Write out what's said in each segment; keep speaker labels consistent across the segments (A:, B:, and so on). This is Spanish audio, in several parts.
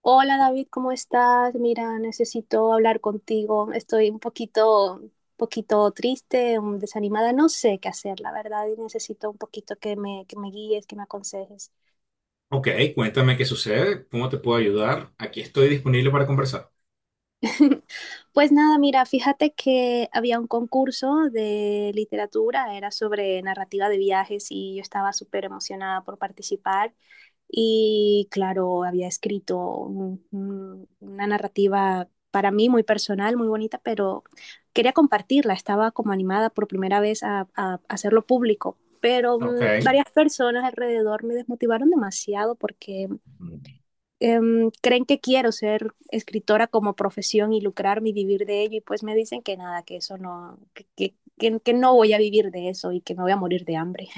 A: Hola David, ¿cómo estás? Mira, necesito hablar contigo. Estoy un poquito, poquito triste, desanimada. No sé qué hacer, la verdad, y necesito un poquito que me guíes, que me aconsejes.
B: Ok, cuéntame qué sucede, cómo te puedo ayudar. Aquí estoy disponible para conversar.
A: Pues nada, mira, fíjate que había un concurso de literatura, era sobre narrativa de viajes y yo estaba súper emocionada por participar. Y claro, había escrito una narrativa para mí muy personal, muy bonita, pero quería compartirla. Estaba como animada por primera vez a hacerlo público, pero
B: Ok.
A: varias personas alrededor me desmotivaron demasiado porque creen que quiero ser escritora como profesión y lucrarme y vivir de ello, y pues me dicen que nada, que eso no, que que no voy a vivir de eso y que me voy a morir de hambre.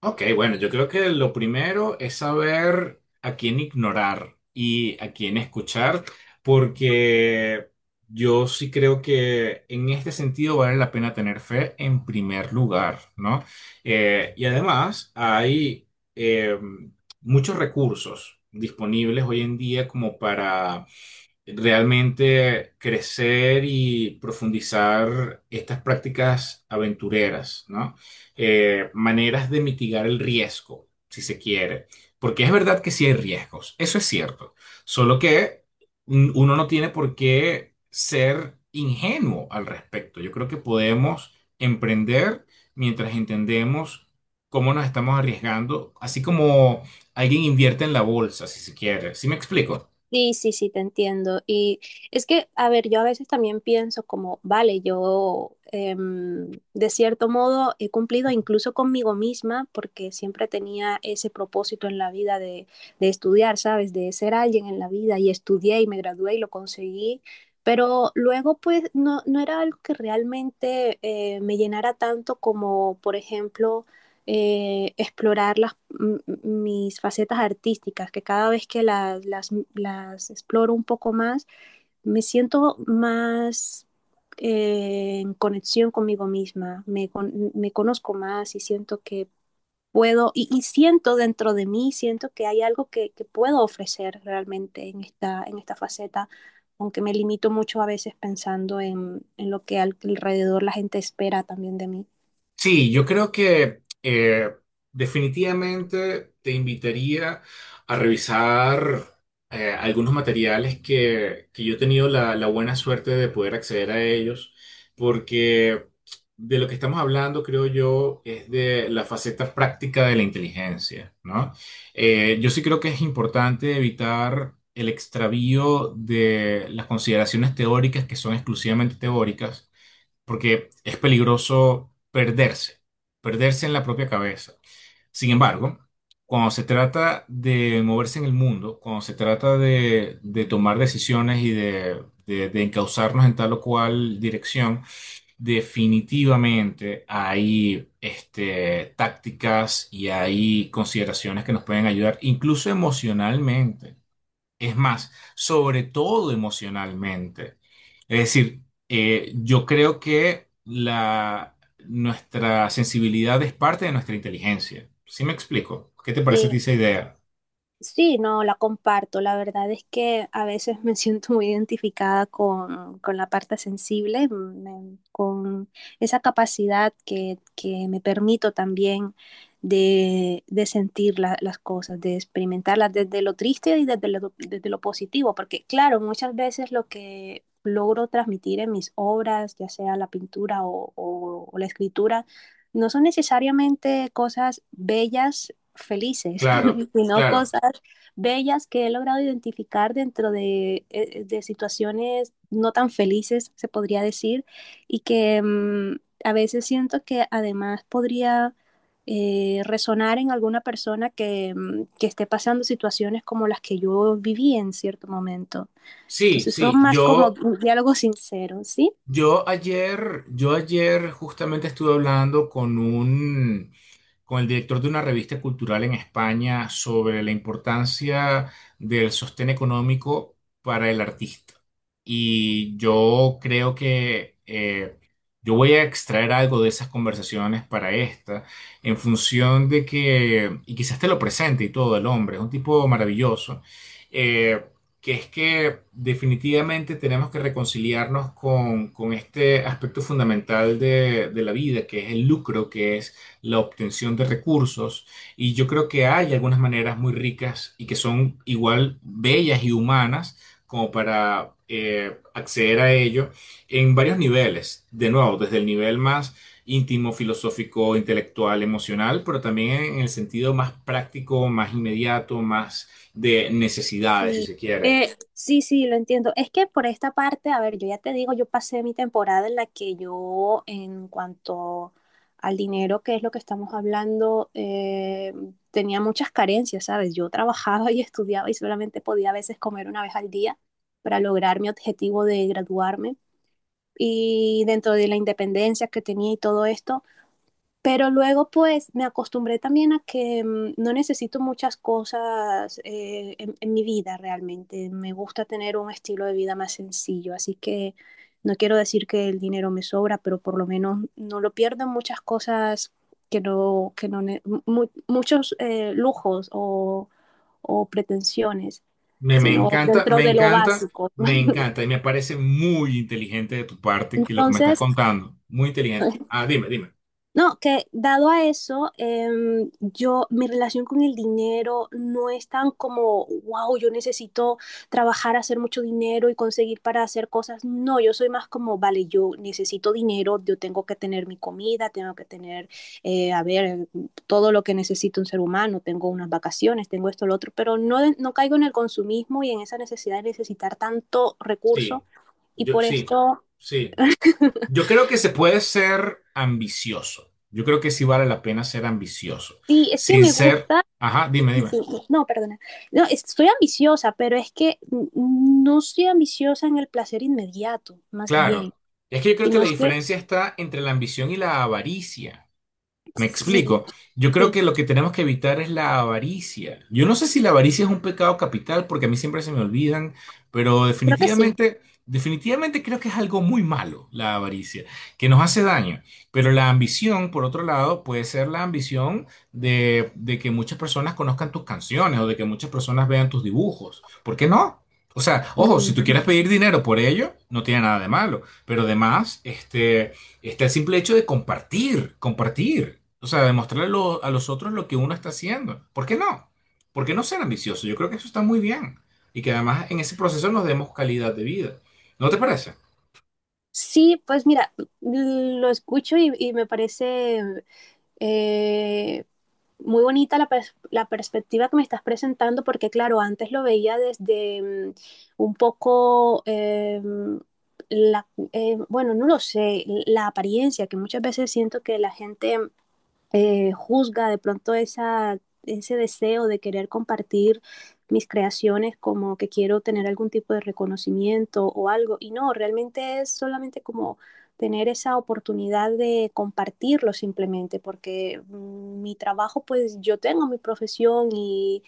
B: Ok, bueno, yo creo que lo primero es saber a quién ignorar y a quién escuchar, porque yo sí creo que en este sentido vale la pena tener fe en primer lugar, ¿no? Y además hay eh, muchos recursos disponibles hoy en día como realmente crecer y profundizar estas prácticas aventureras, ¿no? Maneras de mitigar el riesgo, si se quiere, porque es verdad que sí hay riesgos, eso es cierto, solo que uno no tiene por qué ser ingenuo al respecto. Yo creo que podemos emprender mientras entendemos cómo nos estamos arriesgando, así como alguien invierte en la bolsa, si se quiere. ¿Sí me explico?
A: Sí, sí, sí, te entiendo. Y es que, a ver, yo a veces también pienso como, vale, yo de cierto modo he cumplido incluso conmigo misma porque siempre tenía ese propósito en la vida de estudiar, ¿sabes? De ser alguien en la vida y estudié y me gradué y lo conseguí. Pero luego, pues, no era algo que realmente me llenara tanto como, por ejemplo, explorar las, mis facetas artísticas, que cada vez que las exploro un poco más, me siento más en conexión conmigo misma, me, conozco más y siento que puedo, y siento dentro de mí, siento que hay algo que puedo ofrecer realmente en esta faceta, aunque me limito mucho a veces pensando en lo que alrededor la gente espera también de mí.
B: Sí, yo creo que definitivamente te invitaría a revisar algunos materiales que yo he tenido la buena suerte de poder acceder a ellos, porque de lo que estamos hablando, creo yo, es de la faceta práctica de la inteligencia, ¿no? Yo sí creo que es importante evitar el extravío de las consideraciones teóricas que son exclusivamente teóricas porque es peligroso perderse en la propia cabeza. Sin embargo, cuando se trata de moverse en el mundo, cuando se trata de tomar decisiones y de encauzarnos en tal o cual dirección, definitivamente hay este, tácticas y hay consideraciones que nos pueden ayudar, incluso emocionalmente. Es más, sobre todo emocionalmente. Es decir, yo creo que nuestra sensibilidad es parte de nuestra inteligencia. ¿Sí me explico? ¿Qué te parece a ti
A: Sí,
B: esa idea?
A: sí, no, la comparto. La verdad es que a veces me siento muy identificada con la parte sensible, con esa capacidad que me permito también de sentir las cosas, de experimentarlas desde lo triste y desde lo positivo, porque claro, muchas veces lo que logro transmitir en mis obras, ya sea la pintura o la escritura, no son necesariamente cosas bellas felices,
B: Claro,
A: sino
B: claro.
A: cosas bellas que he logrado identificar dentro de situaciones no tan felices, se podría decir, y que a veces siento que además podría resonar en alguna persona que esté pasando situaciones como las que yo viví en cierto momento.
B: Sí,
A: Entonces
B: sí.
A: son más como diálogos sinceros, ¿sí?
B: Yo ayer justamente estuve hablando con un con el director de una revista cultural en España sobre la importancia del sostén económico para el artista. Y yo creo que yo voy a extraer algo de esas conversaciones para esta, en función de que, y quizás te lo presente y todo el hombre, es un tipo maravilloso, eh, que es que definitivamente tenemos que reconciliarnos con este aspecto fundamental de la vida, que es el lucro, que es la obtención de recursos y yo creo que hay algunas maneras muy ricas y que son igual bellas y humanas como para acceder a ello en varios niveles. De nuevo, desde el nivel más íntimo, filosófico, intelectual, emocional, pero también en el sentido más práctico, más inmediato, más de necesidades, si
A: Sí,
B: se quiere.
A: sí, sí, lo entiendo. Es que por esta parte, a ver, yo ya te digo, yo pasé mi temporada en la que yo, en cuanto al dinero, que es lo que estamos hablando, tenía muchas carencias, ¿sabes? Yo trabajaba y estudiaba y solamente podía a veces comer una vez al día para lograr mi objetivo de graduarme. Y dentro de la independencia que tenía y todo esto. Pero luego pues me acostumbré también a que no necesito muchas cosas en mi vida realmente. Me gusta tener un estilo de vida más sencillo, así que no quiero decir que el dinero me sobra, pero por lo menos no lo pierdo en muchas cosas que no, ne- mu- muchos lujos o pretensiones,
B: Me, me
A: sino
B: encanta,
A: dentro
B: me
A: de lo
B: encanta,
A: básico.
B: me encanta y me parece muy inteligente de tu parte que lo que me estás
A: Entonces,
B: contando. Muy inteligente. Ah, dime, dime.
A: no, que dado a eso, yo, mi relación con el dinero no es tan como, wow, yo necesito trabajar, hacer mucho dinero y conseguir para hacer cosas. No, yo soy más como, vale, yo necesito dinero, yo tengo que tener mi comida, tengo que tener, a ver, todo lo que necesita un ser humano, tengo unas vacaciones, tengo esto, lo otro, pero no caigo en el consumismo y en esa necesidad de necesitar tanto recurso
B: Sí,
A: y
B: yo
A: por
B: sí,
A: esto...
B: sí. Yo creo que se puede ser ambicioso. Yo creo que sí vale la pena ser ambicioso.
A: Sí, es que
B: Sin
A: me
B: ser,
A: gusta.
B: ajá, dime,
A: Sí, sí,
B: dime.
A: sí. No, perdona. No, estoy ambiciosa, pero es que no soy ambiciosa en el placer inmediato, más bien,
B: Claro. Es que yo creo que
A: sino
B: la
A: que
B: diferencia está entre la ambición y la avaricia. Me
A: sí,
B: explico. Yo creo
A: sí,
B: que lo que tenemos que evitar es la avaricia. Yo no sé si la avaricia es un pecado capital, porque a mí siempre se me olvidan, pero
A: creo que sí.
B: definitivamente, definitivamente creo que es algo muy malo la avaricia, que nos hace daño. Pero la ambición, por otro lado, puede ser la ambición de que muchas personas conozcan tus canciones o de que muchas personas vean tus dibujos. ¿Por qué no? O sea, ojo, si tú
A: Mm.
B: quieres pedir dinero por ello, no tiene nada de malo, pero además, este... Está el simple hecho de compartir, compartir. O sea, demostrarle a, lo- a los otros lo que uno está haciendo. ¿Por qué no? ¿Por qué no ser ambicioso? Yo creo que eso está muy bien. Y que además en ese proceso nos demos calidad de vida. ¿No te parece?
A: Sí, pues mira, lo escucho y me parece eh, muy bonita la, la perspectiva que me estás presentando, porque claro, antes lo veía desde un poco, la, bueno, no lo sé, la apariencia, que muchas veces siento que la gente juzga de pronto esa, ese deseo de querer compartir mis creaciones como que quiero tener algún tipo de reconocimiento o algo. Y no, realmente es solamente como tener esa oportunidad de compartirlo simplemente, porque mi trabajo, pues yo tengo mi profesión y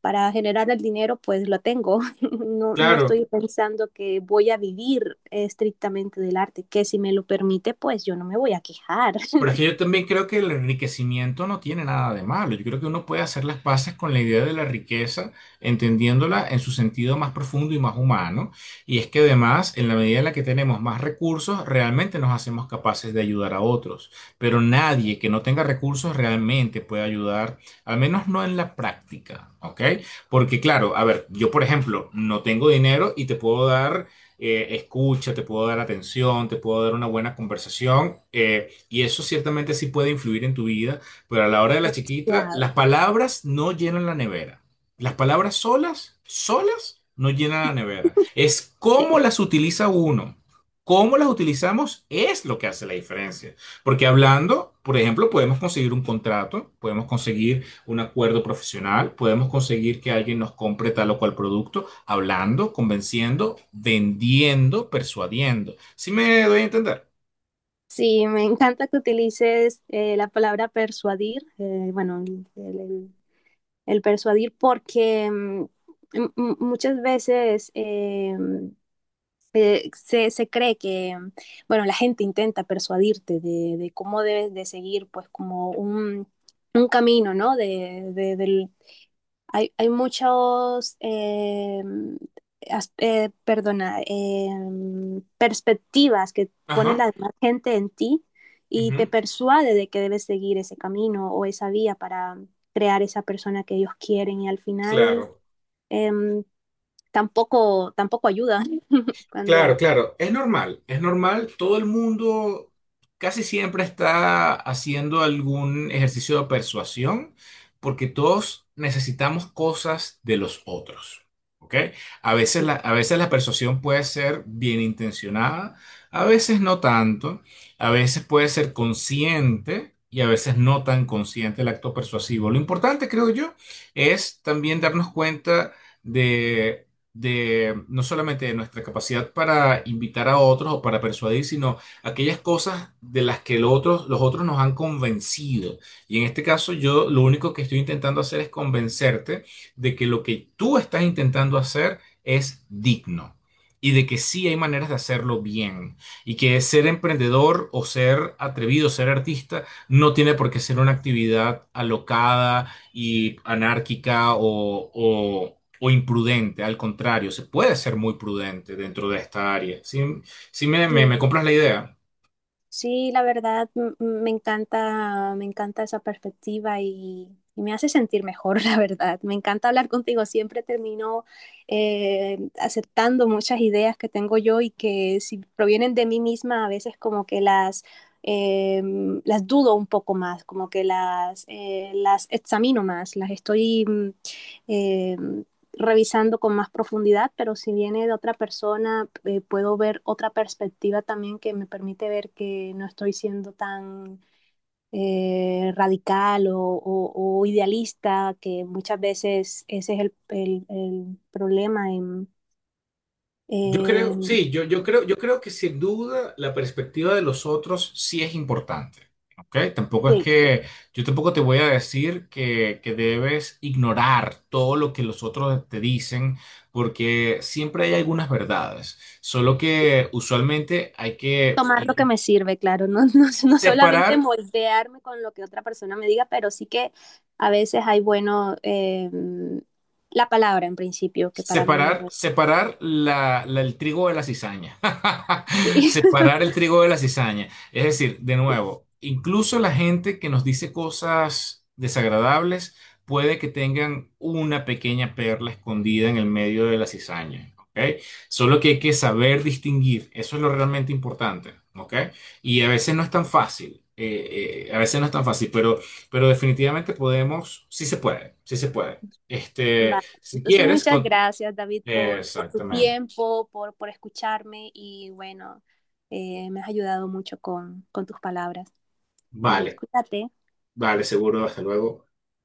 A: para generar el dinero, pues lo tengo. No, no
B: Claro.
A: estoy pensando que voy a vivir estrictamente del arte, que si me lo permite, pues yo no me voy a quejar.
B: Pero es que yo también creo que el enriquecimiento no tiene nada de malo. Yo creo que uno puede hacer las paces con la idea de la riqueza, entendiéndola en su sentido más profundo y más humano. Y es que además, en la medida en la que tenemos más recursos, realmente nos hacemos capaces de ayudar a otros. Pero nadie que no tenga recursos realmente puede ayudar, al menos no en la práctica, ¿ok? Porque claro, a ver, yo por ejemplo, no tengo dinero y te puedo dar... escucha, te puedo dar atención, te puedo dar una buena conversación, y eso ciertamente sí puede influir en tu vida, pero a la hora de la chiquita, las
A: Demasiado,
B: palabras no llenan la nevera. Las palabras solas, solas, no llenan la nevera. Es
A: sí.
B: cómo las utiliza uno. Cómo las utilizamos es lo que hace la diferencia. Porque hablando, por ejemplo, podemos conseguir un contrato, podemos conseguir un acuerdo profesional, podemos conseguir que alguien nos compre tal o cual producto, hablando, convenciendo, vendiendo, persuadiendo. ¿Sí me doy a entender?
A: Sí, me encanta que utilices la palabra persuadir, bueno, el, el persuadir, porque muchas veces se, se cree que, bueno, la gente intenta persuadirte de cómo debes de seguir, pues como un camino, ¿no? De, hay, hay muchos, perdona, perspectivas que pone
B: Ajá.
A: la demás gente en ti y te
B: Ujú.
A: persuade de que debes seguir ese camino o esa vía para crear esa persona que ellos quieren y al final
B: Claro,
A: em, tampoco, tampoco ayuda
B: claro,
A: cuando...
B: claro. Es normal, es normal. Todo el mundo casi siempre está haciendo algún ejercicio de persuasión porque todos necesitamos cosas de los otros. ¿Ok? A veces la persuasión puede ser bien intencionada, a veces no tanto, a veces puede ser consciente y a veces no tan consciente el acto persuasivo. Lo importante, creo yo, es también darnos cuenta de de no solamente de nuestra capacidad para invitar a otros o para persuadir, sino aquellas cosas de las que los otros nos han convencido. Y en este caso yo lo único que estoy intentando hacer es convencerte de que lo que tú estás intentando hacer es digno. Y de que sí hay maneras de hacerlo bien. Y que ser emprendedor o ser atrevido, ser artista, no tiene por qué ser una actividad alocada, y anárquica o imprudente. Al contrario, se puede ser muy prudente dentro de esta área. ¿ Me
A: Sí.
B: compras la idea?
A: Sí, la verdad me encanta esa perspectiva y me hace sentir mejor, la verdad. Me encanta hablar contigo. Siempre termino aceptando muchas ideas que tengo yo y que si provienen de mí misma, a veces como que eh, las dudo un poco más, como que las examino más, las estoy eh, revisando con más profundidad, pero si viene de otra persona, puedo ver otra perspectiva también que me permite ver que no estoy siendo tan radical o, idealista, que muchas veces ese es el problema en...
B: Yo
A: Eh,
B: creo, sí, yo creo que sin duda la perspectiva de los otros sí es importante. ¿Ok? Tampoco es
A: sí,
B: que yo tampoco te voy a decir que debes ignorar todo lo que los otros te dicen, porque siempre hay algunas verdades. Solo que usualmente hay que
A: tomar lo que me sirve, claro, no, no, no,
B: separar.
A: solamente moldearme con lo que otra persona me diga, pero sí que a veces hay bueno. La palabra en principio, que para mí...
B: Separar, separar el trigo de la cizaña. Separar el trigo de la cizaña. Es decir, de
A: Sí.
B: nuevo, incluso la gente que nos dice cosas desagradables puede que tengan una pequeña perla escondida en el medio de la cizaña. ¿Ok? Solo que hay que saber distinguir. Eso es lo realmente importante. ¿Ok? Y a veces no es tan fácil. A veces no es tan fácil, pero definitivamente podemos, sí se puede, sí se puede. Este,
A: Vale.
B: si
A: Entonces,
B: quieres,
A: muchas
B: con-
A: gracias, David, por tu
B: Exactamente.
A: tiempo, por escucharme y bueno, me has ayudado mucho con tus palabras. Adiós,
B: Vale,
A: cuídate.
B: vale, seguro. Hasta luego.